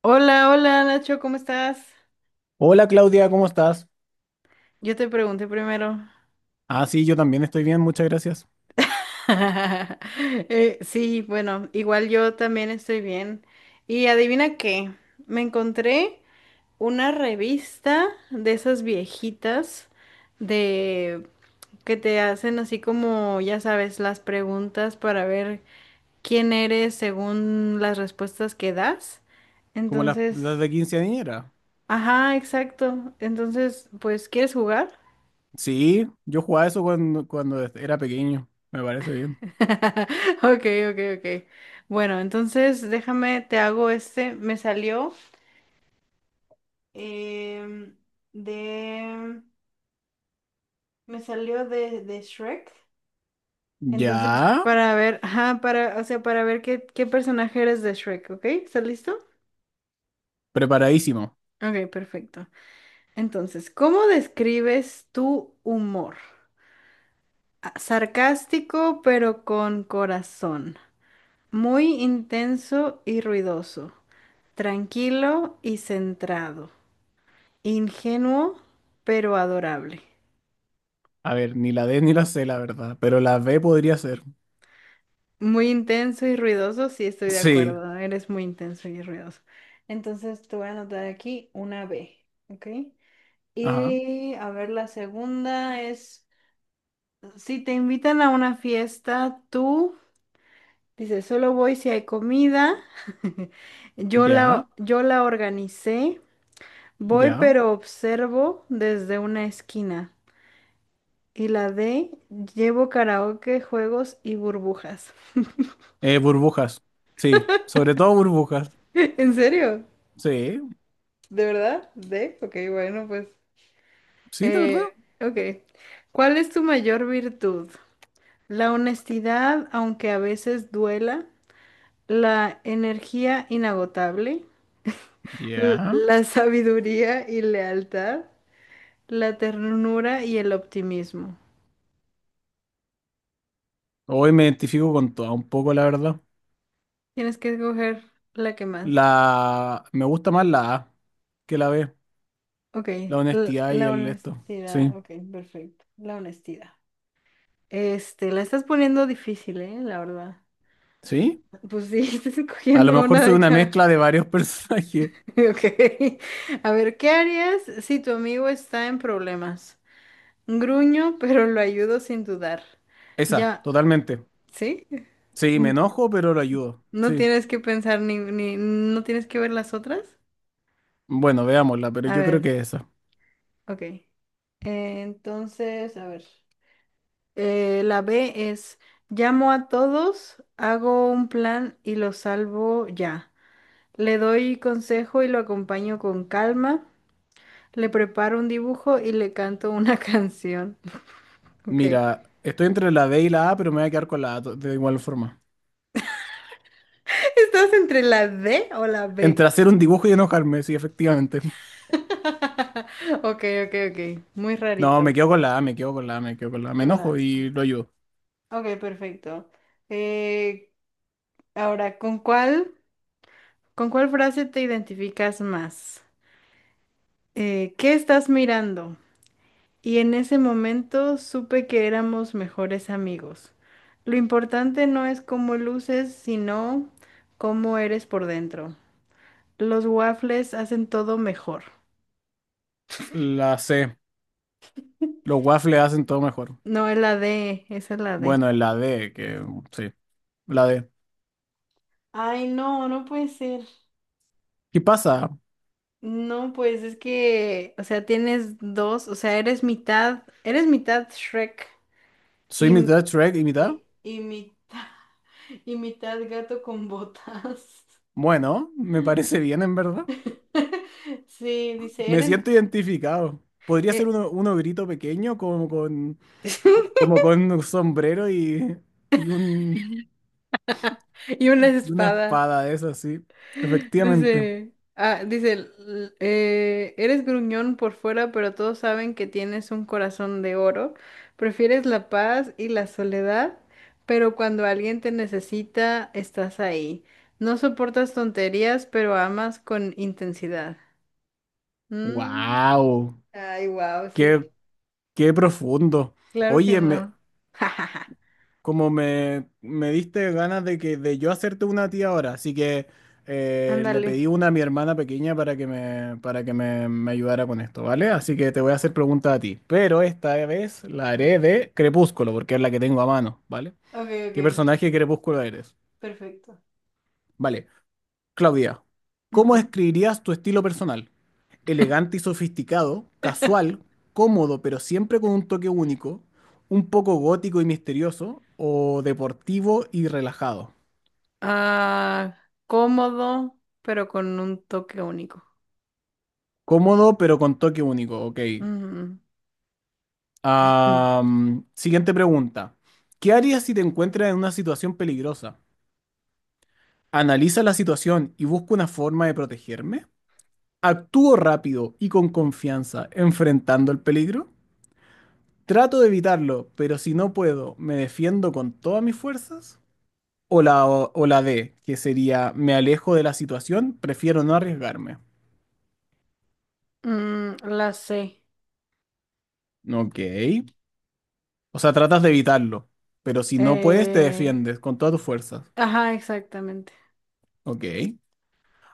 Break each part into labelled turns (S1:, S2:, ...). S1: Hola, hola Nacho, ¿cómo estás?
S2: Hola Claudia, ¿cómo estás?
S1: Yo te pregunté primero.
S2: Ah, sí, yo también estoy bien, muchas gracias.
S1: Sí, bueno, igual yo también estoy bien. Y adivina qué, me encontré una revista de esas viejitas de que te hacen así como, ya sabes, las preguntas para ver quién eres según las respuestas que das.
S2: Como las
S1: Entonces,
S2: de quinceañera.
S1: ajá, exacto. Entonces, pues, ¿quieres jugar?
S2: Sí, yo jugaba eso cuando era pequeño, me parece bien.
S1: Ok, ok. Bueno, entonces déjame, te hago este. Me salió em, de. Me salió de Shrek.
S2: Ya,
S1: Entonces, para ver, ajá, para, o sea, para ver qué personaje eres de Shrek, ¿ok? ¿Estás listo?
S2: preparadísimo.
S1: Ok, perfecto. Entonces, ¿cómo describes tu humor? ¿Sarcástico, pero con corazón? ¿Muy intenso y ruidoso? ¿Tranquilo y centrado? ¿Ingenuo, pero adorable?
S2: A ver, ni la D ni la C, la verdad, pero la B podría ser.
S1: Muy intenso y ruidoso, sí, estoy de
S2: Sí,
S1: acuerdo. Eres muy intenso y ruidoso. Entonces te voy a anotar aquí una B, ¿ok?
S2: ajá,
S1: Y a ver, la segunda es, si te invitan a una fiesta, tú dices, solo voy si hay comida.
S2: ya,
S1: Yo la organicé. Voy,
S2: ya.
S1: pero observo desde una esquina. Y la D, llevo karaoke, juegos y burbujas.
S2: Burbujas, sí, sobre todo burbujas.
S1: ¿En serio?
S2: Sí,
S1: ¿De verdad? ¿De? Ok, bueno, pues.
S2: sí, de verdad.
S1: Eh, ok. ¿Cuál es tu mayor virtud? La honestidad, aunque a veces duela, la energía inagotable,
S2: Ya.
S1: la sabiduría y lealtad, la ternura y el optimismo.
S2: Hoy me identifico con toda un poco, la verdad.
S1: Tienes que escoger la que más.
S2: Me gusta más la A que la B.
S1: Ok,
S2: La honestidad y
S1: la
S2: el esto. Sí,
S1: honestidad. Ok, perfecto. La honestidad. Este, la estás poniendo difícil, ¿eh? La verdad.
S2: sí.
S1: Pues sí, estás
S2: A lo
S1: escogiendo
S2: mejor
S1: una
S2: soy
S1: de
S2: una
S1: cada.
S2: mezcla de varios personajes.
S1: Ok. A ver, ¿qué harías si tu amigo está en problemas? Gruño, pero lo ayudo sin dudar.
S2: Esa,
S1: Ya,
S2: totalmente.
S1: ¿sí?
S2: Sí, me
S1: N-
S2: enojo, pero lo ayudo.
S1: No
S2: Sí.
S1: tienes que pensar ni, ni, no tienes que ver las otras.
S2: Bueno, veámosla, pero
S1: A
S2: yo creo
S1: ver,
S2: que es esa.
S1: ok. Entonces, a ver. La B es, llamo a todos, hago un plan y lo salvo ya. Le doy consejo y lo acompaño con calma. Le preparo un dibujo y le canto una canción. Ok.
S2: Mira, estoy entre la D y la A, pero me voy a quedar con la A de igual forma.
S1: ¿Estás entre la D o la B?
S2: Entre hacer un dibujo y enojarme, sí, efectivamente.
S1: Ok, ok. Muy
S2: No, me
S1: rarito.
S2: quedo con la A, me quedo con la A, me quedo con la A. Me enojo
S1: Hola.
S2: y lo ayudo.
S1: Ok, perfecto. Eh, ahora, ¿con cuál frase te identificas más? ¿Qué estás mirando? Y en ese momento supe que éramos mejores amigos. Lo importante no es cómo luces, sino cómo eres por dentro. Los waffles hacen todo mejor.
S2: La C. Los waffles hacen todo mejor.
S1: No, es la D, esa es la D.
S2: Bueno, en la D, que sí, la D.
S1: Ay, no, no puede ser.
S2: ¿Qué pasa?
S1: No, pues es que, o sea, tienes dos, o sea, eres mitad Shrek y,
S2: ¿Soy
S1: m-
S2: mitad Shrek y mitad?
S1: y mitad, y mitad gato con botas.
S2: Bueno, me parece bien en verdad.
S1: Sí, dice,
S2: Me
S1: eres...
S2: siento identificado. Podría ser
S1: eh,
S2: uno, un ogrito pequeño como con un sombrero y
S1: y una
S2: y una
S1: espada.
S2: espada de esas, sí. Efectivamente.
S1: Dice, dice, eres gruñón por fuera, pero todos saben que tienes un corazón de oro. Prefieres la paz y la soledad, pero cuando alguien te necesita, estás ahí. No soportas tonterías, pero amas con intensidad. Mm,
S2: ¡Wow!
S1: ay, wow, sí.
S2: ¡Qué, qué profundo!
S1: Claro que
S2: Oye, me,
S1: no.
S2: Como me diste ganas de que de yo hacerte una a ti ahora, así que le
S1: Ándale.
S2: pedí una a mi hermana pequeña para que me ayudara con esto, ¿vale? Así que te voy a hacer preguntas a ti, pero esta vez la haré de Crepúsculo, porque es la que tengo a mano, ¿vale?
S1: Ok, ok,
S2: ¿Qué personaje de Crepúsculo eres?
S1: perfecto.
S2: Vale, Claudia, ¿cómo
S1: Ujú.
S2: describirías tu estilo personal? Elegante y sofisticado, casual, cómodo, pero siempre con un toque único, un poco gótico y misterioso, o deportivo y relajado.
S1: Ah, cómodo, pero con un toque único.
S2: Cómodo, pero con toque único, ok.
S1: Mm,
S2: Am, siguiente pregunta. ¿Qué harías si te encuentras en una situación peligrosa? ¿Analiza la situación y busco una forma de protegerme? ¿Actúo rápido y con confianza enfrentando el peligro? ¿Trato de evitarlo, pero si no puedo, me defiendo con todas mis fuerzas? O la D, que sería me alejo de la situación, prefiero no arriesgarme?
S1: la C.
S2: Ok. O sea, tratas de evitarlo, pero si no puedes, te
S1: Eh,
S2: defiendes con todas tus fuerzas.
S1: ajá, exactamente.
S2: Ok.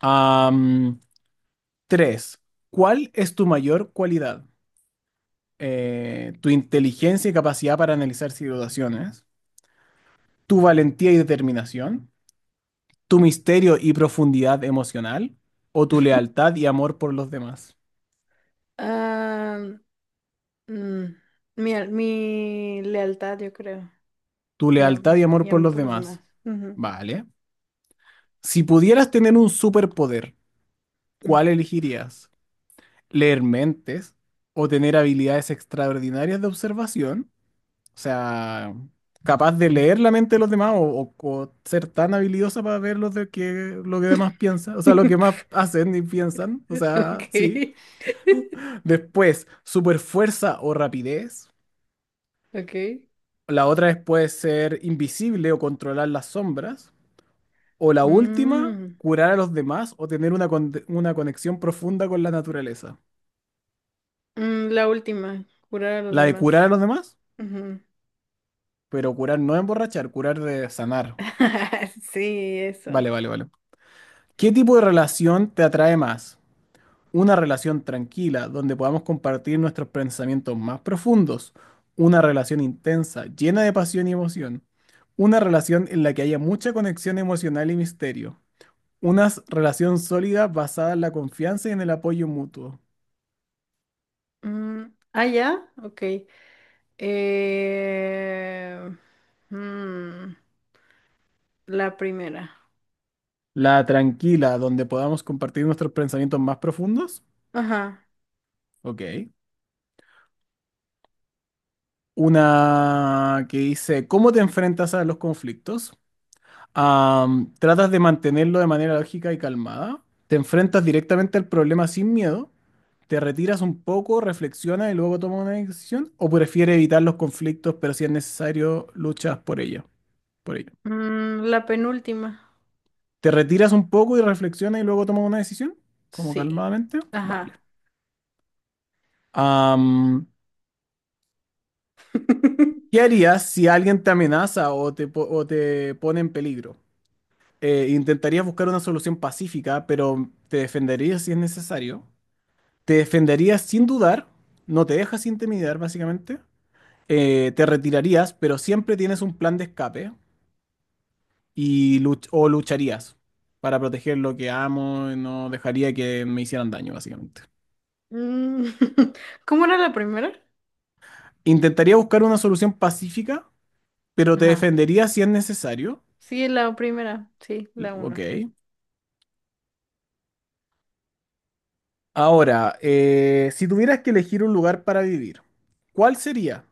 S2: Am, tres. ¿Cuál es tu mayor cualidad? Tu inteligencia y capacidad para analizar situaciones, tu valentía y determinación, tu misterio y profundidad emocional, o tu lealtad y amor por los demás.
S1: Ah, mm, mi lealtad, yo creo.
S2: Tu lealtad y amor
S1: Y
S2: por
S1: amo
S2: los
S1: por los demás.
S2: demás.
S1: Ujú,
S2: Vale. Si pudieras tener un superpoder,
S1: mm.
S2: ¿cuál elegirías? ¿Leer mentes o tener habilidades extraordinarias de observación? O sea, capaz de leer la mente de los demás o ser tan habilidosa para ver lo que demás piensan, o sea, lo que más hacen y piensan, o sea,
S1: Ok.
S2: sí. Después, super fuerza o rapidez.
S1: Ok.
S2: La otra es puede ser invisible o controlar las sombras. O la última,
S1: Mm,
S2: curar a los demás o tener una conexión profunda con la naturaleza.
S1: la última, curar a los
S2: La de curar a
S1: demás.
S2: los demás,
S1: Ujú.
S2: pero curar no emborrachar, curar de sanar.
S1: Sí, eso.
S2: Vale, vale, vale. ¿Qué tipo de relación te atrae más? Una relación tranquila donde podamos compartir nuestros pensamientos más profundos, una relación intensa, llena de pasión y emoción, una relación en la que haya mucha conexión emocional y misterio, relación sólida basada en la confianza y en el apoyo mutuo,
S1: Mm, ah, ya, ok. Eh, mm, la primera.
S2: la tranquila donde podamos compartir nuestros pensamientos más profundos,
S1: Ajá.
S2: ok. Una que dice, ¿cómo te enfrentas a los conflictos? Am, tratas de mantenerlo de manera lógica y calmada. Te enfrentas directamente al problema sin miedo. Te retiras un poco, reflexionas y luego tomas una decisión. O prefieres evitar los conflictos, pero si es necesario, luchas por ello. Por ello.
S1: Mm, la penúltima.
S2: Te retiras un poco y reflexionas y luego tomas una decisión. Como
S1: Sí.
S2: calmadamente. Vale.
S1: Ajá.
S2: Am, ¿qué harías si alguien te amenaza o te pone en peligro? Intentarías buscar una solución pacífica, pero te defenderías si es necesario. Te defenderías sin dudar, no te dejas intimidar básicamente, te retirarías, pero siempre tienes un plan de escape y luch- o lucharías para proteger lo que amo y no dejaría que me hicieran daño básicamente.
S1: Mm, ¿cómo era la primera?
S2: Intentaría buscar una solución pacífica, pero te
S1: Ajá.
S2: defendería si es necesario.
S1: Sí, la primera. Sí, la
S2: Ok.
S1: uno.
S2: Ahora, si tuvieras que elegir un lugar para vivir, ¿cuál sería?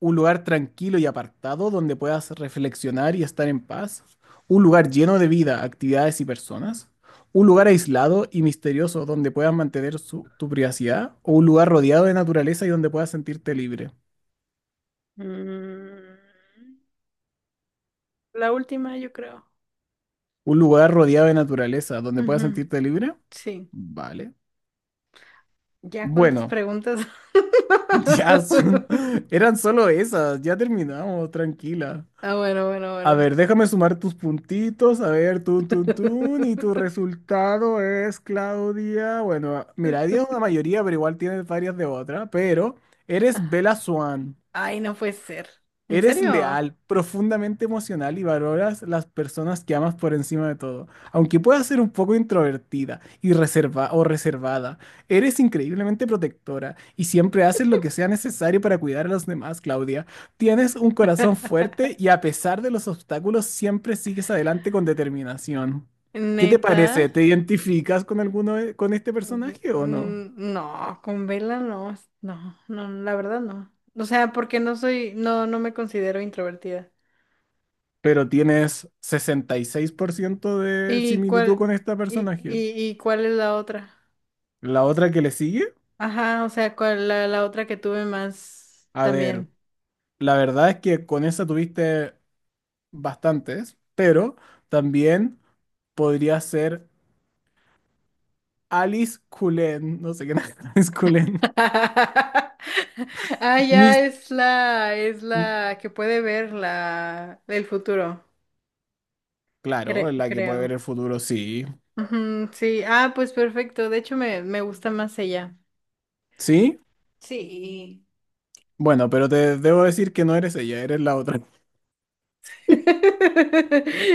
S2: Un lugar tranquilo y apartado donde puedas reflexionar y estar en paz, un lugar lleno de vida, actividades y personas, un lugar aislado y misterioso donde puedas mantener tu privacidad, o un lugar rodeado de naturaleza y donde puedas sentirte libre.
S1: Mm, la última, yo creo.
S2: Un lugar rodeado de naturaleza donde puedas
S1: Ujú,
S2: sentirte libre.
S1: sí.
S2: Vale.
S1: ¿Ya cuántas
S2: Bueno,
S1: preguntas?
S2: ya son, eran solo esas, ya terminamos, tranquila.
S1: Ah, bueno, bueno,
S2: A
S1: bueno.
S2: ver, déjame sumar tus puntitos. A ver, tun, tun, tun. Y tu resultado es, Claudia. Bueno, mira, tienes una mayoría, pero igual tienes varias de otra. Pero eres
S1: Ah,
S2: Bella Swan.
S1: ay, no puede ser. ¿En
S2: Eres
S1: serio?
S2: leal, profundamente emocional y valoras las personas que amas por encima de todo. Aunque puedas ser un poco introvertida y reserva o reservada, eres increíblemente protectora y siempre haces lo que sea necesario para cuidar a los demás, Claudia. Tienes un corazón fuerte y a pesar de los obstáculos siempre sigues adelante con determinación. ¿Qué te
S1: ¿Neta?
S2: parece? ¿Te identificas con con este
S1: Ujú.
S2: personaje o no?
S1: Mm, no, con vela no, no, no, la verdad no. O sea, porque no soy, no, no me considero introvertida.
S2: Pero tienes 66% de
S1: ¿Y
S2: similitud
S1: cuál,
S2: con este personaje.
S1: ¿y cuál es la otra?
S2: La otra que le sigue,
S1: Ajá, o sea, cuál la otra que tuve más
S2: a ver,
S1: también.
S2: la verdad es que con esa tuviste bastantes, pero también podría ser Alice Cullen, no sé qué es Alice Cullen.
S1: Ah, ya
S2: Mis,
S1: es es
S2: m-
S1: la que puede ver la, el futuro,
S2: claro, la que puede ver
S1: creo.
S2: el futuro, sí.
S1: Ujú, sí, ah, pues perfecto. De hecho, me gusta más ella.
S2: ¿Sí?
S1: Sí.
S2: Bueno, pero te debo decir que no eres ella, eres la otra.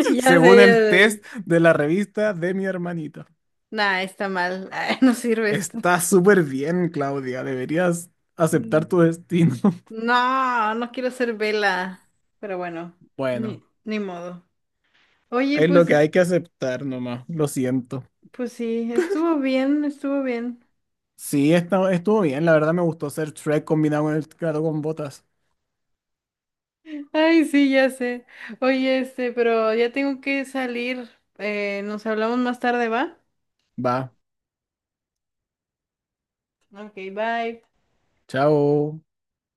S1: Ya
S2: Según
S1: sé, yo
S2: el test de la revista de mi hermanita.
S1: nah, está mal. Ay, no sirve esto.
S2: Está súper bien, Claudia, deberías aceptar
S1: Mm.
S2: tu destino.
S1: No, no quiero ser vela. Pero bueno,
S2: Bueno,
S1: ni modo. Oye,
S2: es lo
S1: pues,
S2: que hay que aceptar nomás, lo siento.
S1: pues sí, estuvo bien, estuvo bien.
S2: Sí, estuvo bien, la verdad me gustó hacer Shrek combinado con el gato con botas.
S1: Ay, sí, ya sé. Oye, este, pero ya tengo que salir. Nos hablamos más tarde, ¿va?
S2: Va,
S1: Ok, bye.
S2: chao.